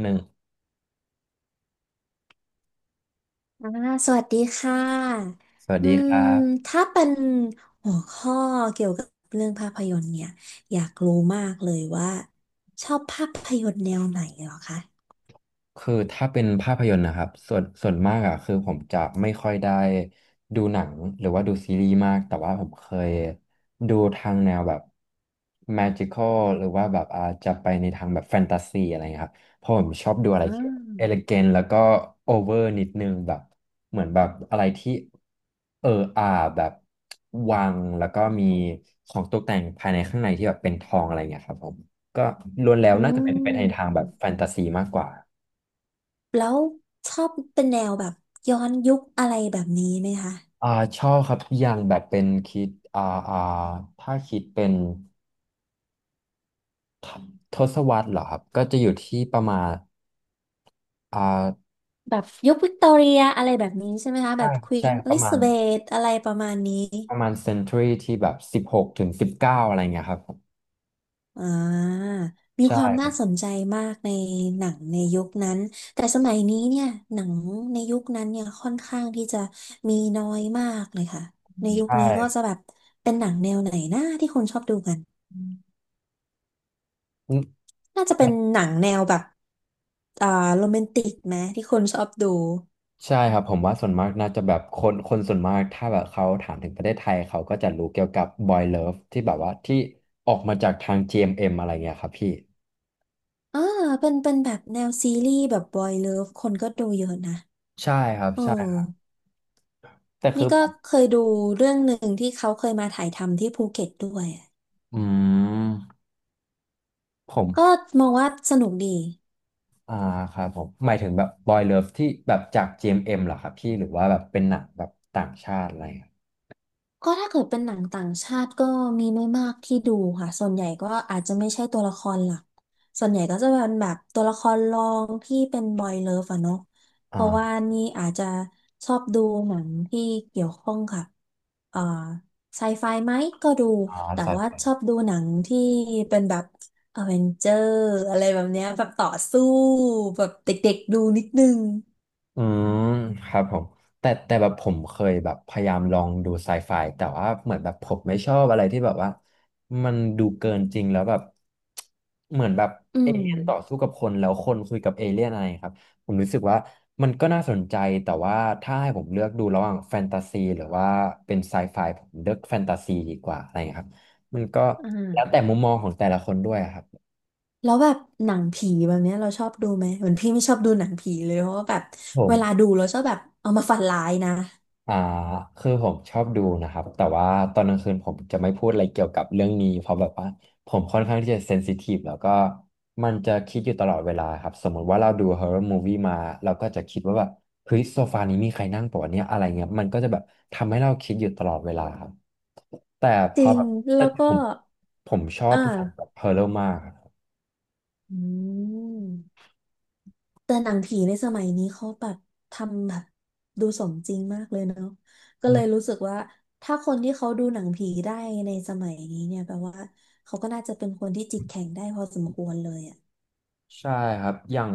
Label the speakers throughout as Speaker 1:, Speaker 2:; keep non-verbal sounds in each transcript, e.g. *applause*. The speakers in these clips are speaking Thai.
Speaker 1: หนึ่ง
Speaker 2: อ่าสวัสดีค่ะ
Speaker 1: สวัส
Speaker 2: อื
Speaker 1: ดีค
Speaker 2: ม
Speaker 1: รับ
Speaker 2: ถ้าเป็นหัวข้อเกี่ยวกับเรื่องภาพยนตร์เนี่ย อยากรู้มากเลยว่าชอบภาพยนตร์แนวไหนเหรอคะ
Speaker 1: คือถ้าเป็นภาพยนตร์นะครับส่วนมากอ่ะคือผมจะไม่ค่อยได้ดูหนังหรือว่าดูซีรีส์มากแต่ว่าผมเคยดูทางแนวแบบ magical หรือว่าแบบอาจจะไปในทางแบบแฟนตาซีอะไรเงี้ยครับเพราะผมชอบดูอะไร
Speaker 2: อ่
Speaker 1: ทเี่ยวเอลิ
Speaker 2: า
Speaker 1: เกนแล้วก็โอเวอร์นิดนึงแบบเหมือนแบบอะไรที่เอออาแบบวังแล้วก็มีของตกแต่งภายในข้างในที่แบบเป็นทองอะไรเงี้ยครับผมก็ล้วนแล้ว
Speaker 2: อื
Speaker 1: น่าจะเป็นไปในทาง
Speaker 2: ม
Speaker 1: แบบแฟนตาซีมากกว่า
Speaker 2: แล้วชอบเป็นแนวแบบย้อนยุคอะไรแบบนี้ไหมคะ
Speaker 1: อ่าชอบครับอย่างแบบเป็นคิดอ่าถ้าคิดเป็นทศวรรษเหรอครับก็จะอยู่ที่ประมาณอ่า
Speaker 2: แบบยุควิกตอเรียอะไรแบบนี้ใช่ไหมคะ แบ
Speaker 1: ใช่
Speaker 2: บควี
Speaker 1: ใช่
Speaker 2: นอ
Speaker 1: ประ
Speaker 2: ลิ
Speaker 1: มา
Speaker 2: ซา
Speaker 1: ณ
Speaker 2: เบธอะไรประมาณนี้
Speaker 1: เซนตรีที่แบบสิบหกถึงสิบเก้าอะไรเงี้ยครับผม
Speaker 2: อ่ามี
Speaker 1: ใช่
Speaker 2: ความ
Speaker 1: ค
Speaker 2: น่า
Speaker 1: รั
Speaker 2: ส
Speaker 1: บ
Speaker 2: นใจมากในหนังในยุคนั้นแต่สมัยนี้เนี่ยหนังในยุคนั้นเนี่ยค่อนข้างที่จะมีน้อยมากเลยค่ะในยุค
Speaker 1: ใช่
Speaker 2: นี้ก็จะแบบเป็นหนังแนวไหนนะที่คนชอบดูกัน
Speaker 1: อืม
Speaker 2: น่าจะเป็นหนังแนวแบบอ่าโรแมนติกไหมที่คนชอบดู
Speaker 1: ใช่ครับผมว่าส่วนมากน่าจะแบบคนส่วนมากถ้าแบบเขาถามถึงประเทศไทยเขาก็จะรู้เกี่ยวกับ Boy Love ที่แบบว่าที่ออกมาจากทาง GMM อมเอ็มอะไรเงี้ยครับพี่
Speaker 2: อ่าเป็นแบบแนวซีรีส์แบบบอยเลิฟคนก็ดูเยอะนะ
Speaker 1: ใช่ครับ
Speaker 2: เอ
Speaker 1: ใช่ครับ
Speaker 2: อ
Speaker 1: แต่คือ
Speaker 2: นี่
Speaker 1: ผ
Speaker 2: ก็
Speaker 1: ม
Speaker 2: เคยดูเรื่องหนึ่งที่เขาเคยมาถ่ายทำที่ภูเก็ตด้วย
Speaker 1: อืมผม
Speaker 2: ก็มองว่าสนุกดี
Speaker 1: อ่าครับผมหมายถึงแบบบอยเลิฟที่แบบจาก GMM เอ็มเอ็มเหรอครับพี่หรือว่าแบบเป็นหนังแบบต่างชาติอะไรอ่ะ
Speaker 2: ก็ถ้าเกิดเป็นหนังต่างชาติก็มีไม่มากที่ดูค่ะส่วนใหญ่ก็อาจจะไม่ใช่ตัวละครหลักส่วนใหญ่ก็จะเป็นแบบตัวละครรองที่เป็นบอยเลิฟอะเนาะเพราะว่า
Speaker 1: อ่า
Speaker 2: นี่อาจจะชอบดูหนังที่เกี่ยวข้องกับเอ่อไซไฟไหมก็ดู
Speaker 1: อ่า
Speaker 2: แต่
Speaker 1: ครับ
Speaker 2: ว่าชอบดูหนังที่เป็นแบบอเวนเจอร์อะไรแบบเนี้ยแบบต่อสู้แบบเด็กๆดูนิดนึง
Speaker 1: อืมครับผมแต่แบบผมเคยแบบพยายามลองดูไซไฟแต่ว่าเหมือนแบบผมไม่ชอบอะไรที่แบบว่ามันดูเกินจริงแล้วแบบเหมือนแบบ
Speaker 2: อื
Speaker 1: เอ
Speaker 2: ม
Speaker 1: เลี่ยนต่อสู้กับคนแล้วคนคุยกับเอเลี่ยนอะไรครับผมรู้สึกว่ามันก็น่าสนใจแต่ว่าถ้าให้ผมเลือกดูระหว่างแฟนตาซีหรือว่าเป็นไซไฟผมเลือกแฟนตาซีดีกว่าอะไรครับมันก็
Speaker 2: อ่
Speaker 1: แล้วแต่
Speaker 2: า
Speaker 1: มุมมองของแต่ละคนด้วยอะครับ
Speaker 2: แล้วแบบหนังผีแบบเนี้ยเราชอบดูไหมเหมือนพี่ไม่ชอบดูหนังผีเลยเพราะว่าแบบ
Speaker 1: ผ
Speaker 2: เวลา
Speaker 1: ม
Speaker 2: ดูเราชอบแบบเอามาฝันร้ายนะ
Speaker 1: อ่าคือผมชอบดูนะครับแต่ว่าตอนกลางคืนผมจะไม่พูดอะไรเกี่ยวกับเรื่องนี้เพราะแบบว่าผมค่อนข้างที่จะเซนซิทีฟแล้วก็มันจะคิดอยู่ตลอดเวลาครับสมมติว่าเราดูฮอ r ์ o ร r m มู i วี่มาเราก็จะคิดว่าแบบเฮ้ยโซฟานี้มีใครนั่งปะวะเนี่ยอะไรเงี้ยมันก็จะแบบทำให้เราคิดอยู่ตลอดเวลาครับแต่พ
Speaker 2: จ
Speaker 1: อ
Speaker 2: ริง
Speaker 1: แบบแต่
Speaker 2: แล้ว
Speaker 1: ผ
Speaker 2: ก็
Speaker 1: มผมชอบ
Speaker 2: อ่า
Speaker 1: หนังแบบฮอร์เรมากครั
Speaker 2: อืมแต่หนังผีในสมัยนี้เขาแบบทำแบบดูสมจริงมากเลยเนาะก็เลย
Speaker 1: บ
Speaker 2: รู้สึกว่าถ้าคนที่เขาดูหนังผีได้ในสมัยนี้เนี่ยแปลว่าเขาก็น่าจะเป็นคนที่จิตแข็งได้พอสมควรเลยอะ
Speaker 1: ใช่ครับ อย่าง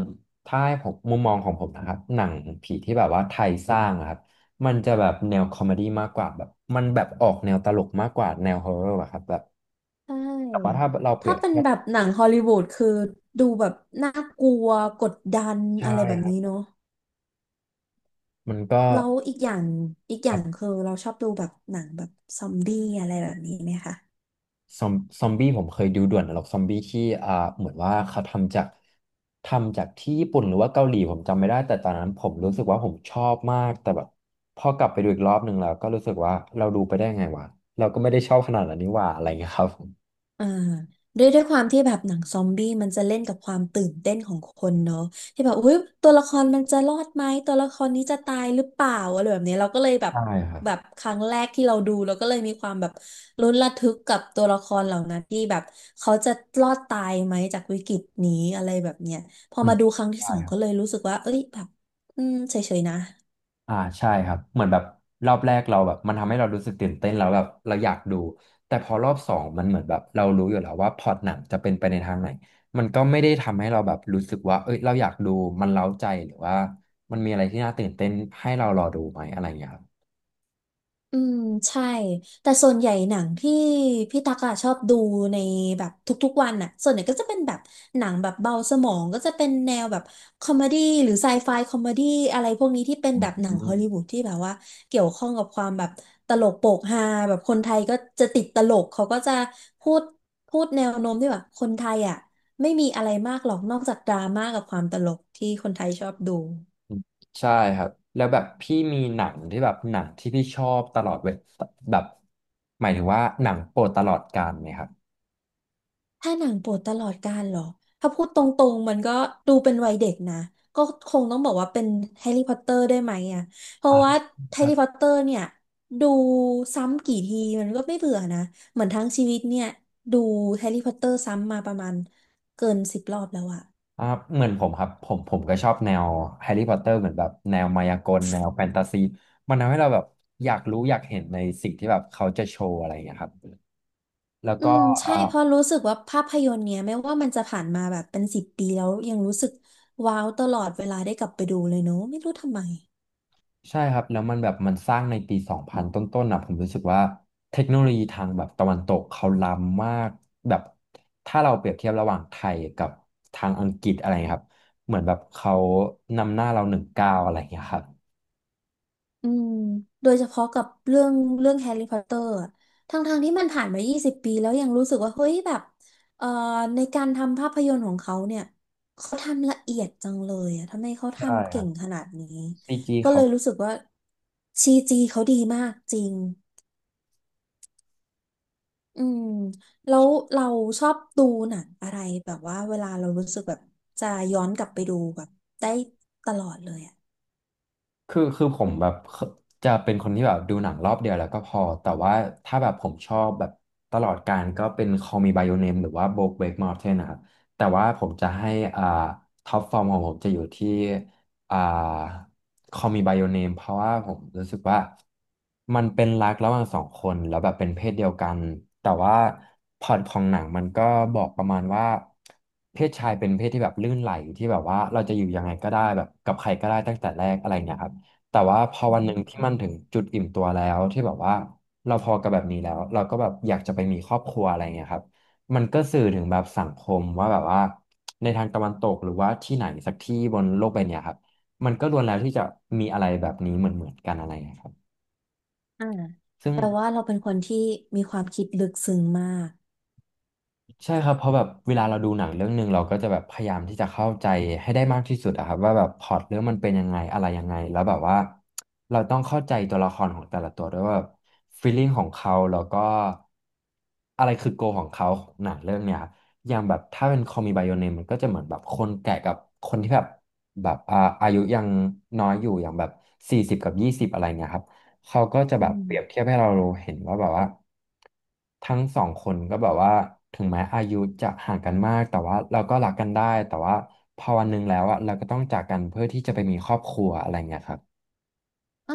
Speaker 1: ถ้าให้ผมมุมมองของผมนะครับหนังผีที่แบบว่าไทยสร้างอะครับมันจะแบบแนวคอมเมดี้มากกว่าแบบมันแบบออกแนวตลกมากกว่าแนวฮอร์เรอร์อะครับแบบ
Speaker 2: ใช
Speaker 1: แต่ว่า
Speaker 2: ่
Speaker 1: ถ้าเราเปรี
Speaker 2: ถ้า
Speaker 1: ยบ
Speaker 2: เป็น
Speaker 1: เทียบ
Speaker 2: แบบหนังฮอลลีวูดคือดูแบบน่ากลัวกดดัน
Speaker 1: ใช่
Speaker 2: อะไรแบบ
Speaker 1: ครับ
Speaker 2: นี้เนาะ
Speaker 1: มันก็
Speaker 2: แล้วอีกอย่างคือเราชอบดูแบบหนังแบบซอมบี้อะไรแบบนี้ไหมคะ
Speaker 1: ซอมซอมบี้ผมเคยดูด่วนนรกซอมบี้ที่เหมือนว่าเขาทำจากที่ญี่ปุ่นหรือว่าเกาหลีผมจำไม่ได้แต่ตอนนั้นผมรู้สึกว่าผมชอบมากแต่แบบพอกลับไปดูอีกรอบหนึ่งแล้วก็รู้สึกว่าเราดูไปได้ไงวะเราก็ไม่ได้ชอบขนาดนั้นนี่หว่าอะไรเงี้ยครับผม
Speaker 2: อ่าด้วยความที่แบบหนังซอมบี้มันจะเล่นกับความตื่นเต้นของคนเนาะที่แบบอุ้ยตัวละครมันจะรอดไหมตัวละครนี้จะตายหรือเปล่าอะไรแบบนี้เราก็เลยแบบ
Speaker 1: ใช่ครับ
Speaker 2: ครั้งแรกที่เราดูเราก็เลยมีความแบบลุ้นระทึกกับตัวละครเหล่านั้นที่แบบเขาจะรอดตายไหมจากวิกฤตนี้อะไรแบบเนี้ยพอ
Speaker 1: อืม
Speaker 2: มาดูครั้งที่
Speaker 1: ใช่
Speaker 2: สอง
Speaker 1: ครั
Speaker 2: ก็
Speaker 1: บ
Speaker 2: เลยรู้สึกว่าเอ้ยแบบอืมเฉยๆนะ
Speaker 1: ใช่ครับเหมือนแบบรอบแรกเราแบบมันทำให้เรารู้สึกตื่นเต้นแล้วแบบเราอยากดูแต่พอรอบสองมันเหมือนแบบเรารู้อยู่แล้วว่าพล็อตหนังจะเป็นไปในทางไหนมันก็ไม่ได้ทำให้เราแบบรู้สึกว่าเอ้ยเราอยากดูมันเร้าใจหรือว่ามันมีอะไรที่น่าตื่นเต้นให้เรารอดูไหมอะไรอย่างเงี้ยครับ
Speaker 2: อืมใช่แต่ส่วนใหญ่หนังที่พี่ตักอะชอบดูในแบบทุกๆวันอะส่วนใหญ่ก็จะเป็นแบบหนังแบบเบาสมองก็จะเป็นแนวแบบคอมเมดี้หรือไซไฟคอมเมดี้อะไรพวกนี้ที่เป็นแบบหนั
Speaker 1: อื
Speaker 2: งฮอลลีวู
Speaker 1: ม
Speaker 2: ดที่แบบว่าเกี่ยวข้องกับความแบบตลกโปกฮาแบบคนไทยก็จะติดตลกเขาก็จะพูดพูดแนวโน้มที่แบบคนไทยอะไม่มีอะไรมากหรอกนอกจากดราม่ากับความตลกที่คนไทยชอบดู
Speaker 1: ใช่ครับแล้วแบบพี่มีหนังที่แบบหนังที่พี่ชอบตลอดเวแบบหมายถึงว่าหนังโปรดตลอดกาลไหมครับ
Speaker 2: ถ้าหนังโปรดตลอดกาลเหรอถ้าพูดตรงๆมันก็ดูเป็นวัยเด็กนะก็คงต้องบอกว่าเป็นแฮร์รี่พอตเตอร์ได้ไหมอ่ะเพราะ
Speaker 1: อ่
Speaker 2: ว่าแฮ
Speaker 1: า
Speaker 2: ร์รี่พอตเตอร์เนี่ยดูซ้ำกี่ทีมันก็ไม่เบื่อนะเหมือนทั้งชีวิตเนี่ยดูแฮร์รี่พอตเตอร์ซ้ำมาประมาณเกินสิบรอบแล้วอะ
Speaker 1: อ่าเหมือนผมครับผมก็ชอบแนวแฮร์รี่พอตเตอร์เหมือนแบบแนวมายากลแนวแฟนตาซีมันทำให้เราแบบอยากรู้อยากเห็นในสิ่งที่แบบเขาจะโชว์อะไรอย่างเงี้ยครับแล้ว
Speaker 2: อื
Speaker 1: ก็
Speaker 2: มใช่
Speaker 1: อ่า
Speaker 2: เพราะรู้สึกว่าภาพยนตร์เนี่ยไม่ว่ามันจะผ่านมาแบบเป็นสิบปีแล้วยังรู้สึกว้าวตลอดเวลาได้กลับไปดูเลยเนอะไม่รู้ทำไม
Speaker 1: ใช่ครับแล้วมันแบบมันสร้างในปีสองพันต้นๆนะผมรู้สึกว่าเทคโนโลยีทางแบบตะวันตกเขาล้ำมากแบบถ้าเราเปรียบเทียบระหว่างไทยกับทางอังกฤษอะไรครับเหมือนแบบเขานำหน้าเราหนึ่งก้าวอะไรอย่างเงี้ยครับ
Speaker 2: อืมโดยเฉพาะกับเรื่องแฮร์รี่พอตเตอร์ทั้งทางๆที่มันผ่านมา 20 ปีแล้วยังรู้สึกว่าเฮ้ยแบบเอ่อในการทำภาพยนตร์ของเขาเนี่ยเขาทำละเอียดจังเลยอะทำไมเขา
Speaker 1: ใช่
Speaker 2: ทำ
Speaker 1: ค
Speaker 2: เก่
Speaker 1: รับ
Speaker 2: งขนาดนี้
Speaker 1: ซีจี
Speaker 2: ก็เล
Speaker 1: เขา
Speaker 2: ยรู้สึกว่าซีจีเขาดีมากจริงอืมแล้วเราชอบดูหนังอะไรแบบว่าเวลาเรารู้สึกแบบจะย้อนกลับไปดูแบบได้ตลอดเลยอะ
Speaker 1: คือผมแบบเคจะเป็นคนที่แบบดูหนังรอบเดียวแล้วก็พอแต่ว่าถ้าแบบผมชอบแบบตลอดกาลก็เป็น Call Me by Your Name หรือว่า BoJack Mountain นะครับแต่ว่าผมจะให้อ่าท็อปฟอร์มของผมจะอยู่ที่อ่า Call Me by Your Name เพราะว่าผมรู้สึกว่ามันเป็นรักระหว่างสองคนแล้วแบบเป็นเพศเดียวกันแต่ว่าพล็อตของหนังมันก็บอกประมาณว่าเพศชายเป็นเพศที่แบบลื่นไหลที่แบบว่าเราจะอยู่ยังไงก็ได้แบบกับใครก็ได้ตั้งแต่แรกอะไรเงี้ยครับ แต่ว่าพอวันหนึ่งที่มันถึงจุดอิ่มตัวแล้วที่แบบว่าเราพอกับแบบนี้แล้วเราก็แบบอยากจะไปมีครอบครัวอะไรเงี้ยครับมันก็สื่อถึงแบบสังคมว่าแบบว่าในทางตะวันตกหรือว่าที่ไหนสักที่บนโลกใบเนี้ยครับมันก็ล้วนแล้วที่จะมีอะไรแบบนี้เหมือนกันอะไรเงี้ยครับ
Speaker 2: อ่า
Speaker 1: ซึ่ง
Speaker 2: แปลว่าเราเป็นคนที่มีความคิดลึกซึ้งมาก
Speaker 1: ใช่ครับเพราะแบบเวลาเราดูหนังเรื่องหนึ่งเราก็จะแบบพยายามที่จะเข้าใจให้ได้มากที่สุดอะครับว่าแบบพล็อตเรื่องมันเป็นยังไงอะไรยังไงแล้วแบบว่าเราต้องเข้าใจตัวละครของแต่ละตัวด้วยว่าฟีลลิ่งของเขาแล้วก็อะไรคือโกของเขาของหนังเรื่องเนี้ยครับอย่างแบบถ้าเป็นคอมีไบโอเนมมันก็จะเหมือนแบบคนแก่กับคนที่แบบแบบอายุยังน้อยอยู่อย่างแบบ40กับ20อะไรเงี้ยครับ เขาก็จะแบ
Speaker 2: อื
Speaker 1: บเปรียบเที
Speaker 2: ม
Speaker 1: ยบให้เราเห็นว่าแบบว่าทั้งสองคนก็แบบว่าถึงแม้อายุจะห่างกันมากแต่ว่าเราก็รักกันได้แต่ว่าพอวันหนึ่งแล้วอะเราก็ต้องจากกันเพื่อที่จะไปมีครอบครัวอะไรเงี้ยครับ
Speaker 2: อ่า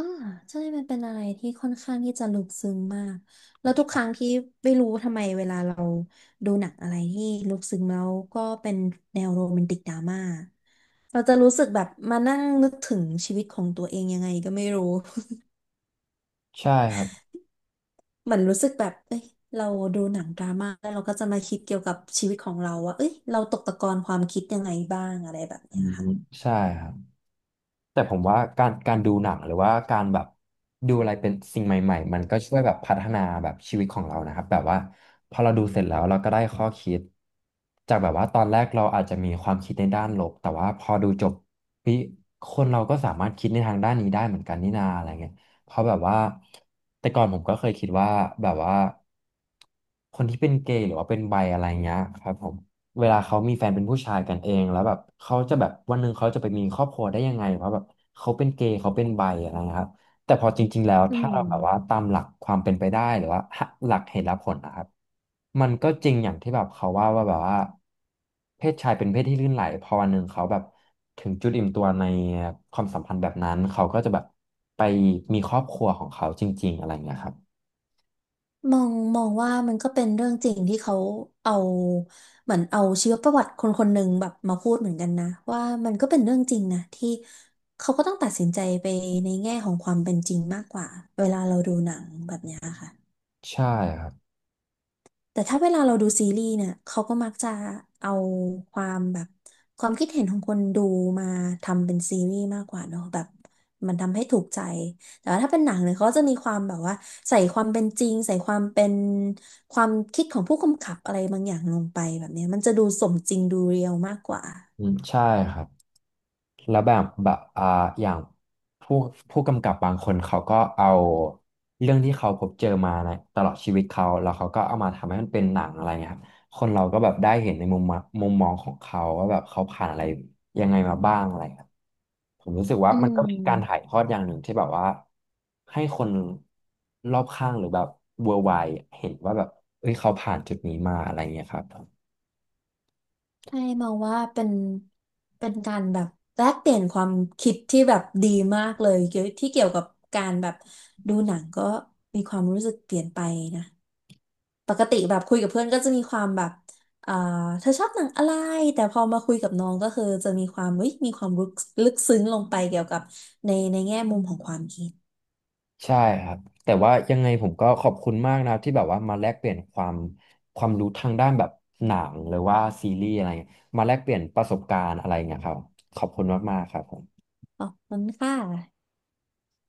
Speaker 2: ใช่มันเป็นอะไรที่ค่อนข้างที่จะลึกซึ้งมาก แล้วทุกครั้งที่ไม่รู้ทำไมเวลาเราดูหนังอะไรที่ลึกซึ้งแล้วก็เป็นแนวโรแมนติกดราม่าเราจะรู้สึกแบบมานั่งนึกถึงชีวิตของตัวเองยังไงก็ไม่รู้
Speaker 1: ใช่ครับ
Speaker 2: *laughs* เหมือนรู้สึกแบบเอ้ยเราดูหนังดราม่าแล้วเราก็จะมาคิดเกี่ยวกับชีวิตของเราว่าเอ้ยเราตกตะกอนความคิดยังไงบ้างอะไรแบบ
Speaker 1: อื
Speaker 2: เนี้ย
Speaker 1: ม
Speaker 2: ค่ะ
Speaker 1: ใช่ครับ แต่ผมว่าการดูหนังหรือว่าการแบบดูอะไรเป็นสิ่งใหม่ๆมันก็ช่วยแบบพัฒนาแบบชีวิตของเรานะครับแบบว่าพอเราดูเสร็จแล้วเราก็ได้ข้อคิดจากแบบว่าตอนแรกเราอาจจะมีความคิดในด้านลบแต่ว่าพอดูจบพี่คนเราก็สามารถคิดในทางด้านนี้ได้เหมือนกันนี่นาอะไรเงี้ยเพราะแบบว่าแต่ก่อนผมก็เคยคิดว่าแบบว่าคนที่เป็นเกย์หรือว่าเป็นไบอะไรเงี้ยครับผม เวลาเขามีแฟนเป็นผู้ชายกันเองแล้วแบบเขาจะแบบวันหนึ่งเขาจะไปมีครอบครัวได้ยังไงเพราะแบบเขาเป็นเกย์เขาเป็นไบอะไรนะครับแต่พอจริงๆแล้ว
Speaker 2: อื
Speaker 1: ถ้า
Speaker 2: ม
Speaker 1: เราแบบว่าตามหลักความเป็นไปได้หรือว่าหลักเหตุและผลนะครับมันก็จริงอย่างที่แบบเขาว่าว่าแบบว่าเพศชายเป็นเพศที่ลื่นไหลพอวันหนึ่งเขาแบบถึงจุดอิ่มตัวในความสัมพันธ์แบบนั้นเขาก็จะแบบไปมีครอบครัวของเขาจริงๆอะไรอย่างเงี้ยครับ
Speaker 2: มองว่ามันก็เป็นเรื่องจริงที่เขาเอาเหมือนเอาชีวประวัติคนคนหนึ่งแบบมาพูดเหมือนกันนะว่ามันก็เป็นเรื่องจริงนะที่เขาก็ต้องตัดสินใจไปในแง่ของความเป็นจริงมากกว่าเวลาเราดูหนังแบบเนี้ยค่ะ
Speaker 1: ใช่ครับ
Speaker 2: แต่ถ้าเวลาเราดูซีรีส์เนี่ยเขาก็มักจะเอาความแบบความคิดเห็นของคนดูมาทำเป็นซีรีส์มากกว่าเนอะแบบมันทำให้ถูกใจแต่ว่าถ้าเป็นหนังเนี่ยเขาจะมีความแบบว่าใส่ความเป็นจริงใส่ความเป็นความคิดของผู้กำกับอะไรบางอย่างลงไปแบบเนี้ยมันจะดูสมจริงดูเรียลมากกว่า
Speaker 1: อืมใช่ครับ แล้วแบบอย่างผู้ผู้กำกับบางคนเขาก็เอาเรื่องที่เขาพบเจอมาในตลอดชีวิตเขาแล้วเขาก็เอามาทำให้มันเป็นหนังอะไรเงี้ยครับคนเราก็แบบได้เห็นในมุมมองของเขาว่าแบบเขาผ่านอะไรยังไงมาบ้างอะไรครับผมรู้สึกว่า
Speaker 2: อื
Speaker 1: มันก็เป็นการถ่าย
Speaker 2: ม
Speaker 1: ทอดอย่างหนึ่งที่แบบว่าให้คนรอบข้างหรือแบบ worldwide เห็นว่าแบบเอ้ยเขาผ่านจุดนี้มาอะไรเงี้ยครับ
Speaker 2: ให้มองว่าเป็นการแบบแลกเปลี่ยนความคิดที่แบบดีมากเลยเกี่ยวที่เกี่ยวกับการแบบดูหนังก็มีความรู้สึกเปลี่ยนไปนะปกติแบบคุยกับเพื่อนก็จะมีความแบบเอ่าเธอชอบหนังอะไรแต่พอมาคุยกับน้องก็คือจะมีความเฮ้ยมีความลึกซึ้งลงไปเกี่ยวกับในแง่มุมของความคิด
Speaker 1: ใช่ครับแต่ว่ายังไงผมก็ขอบคุณมากนะครับที่แบบว่ามาแลกเปลี่ยนความรู้ทางด้านแบบหนังหรือว่าซีรีส์อะไรเงี้ยมาแลกเปลี่ยนประสบการณ์อะไรเงี้ยครับขอบคุณมากๆครับผม
Speaker 2: ขอบคุณค่ะ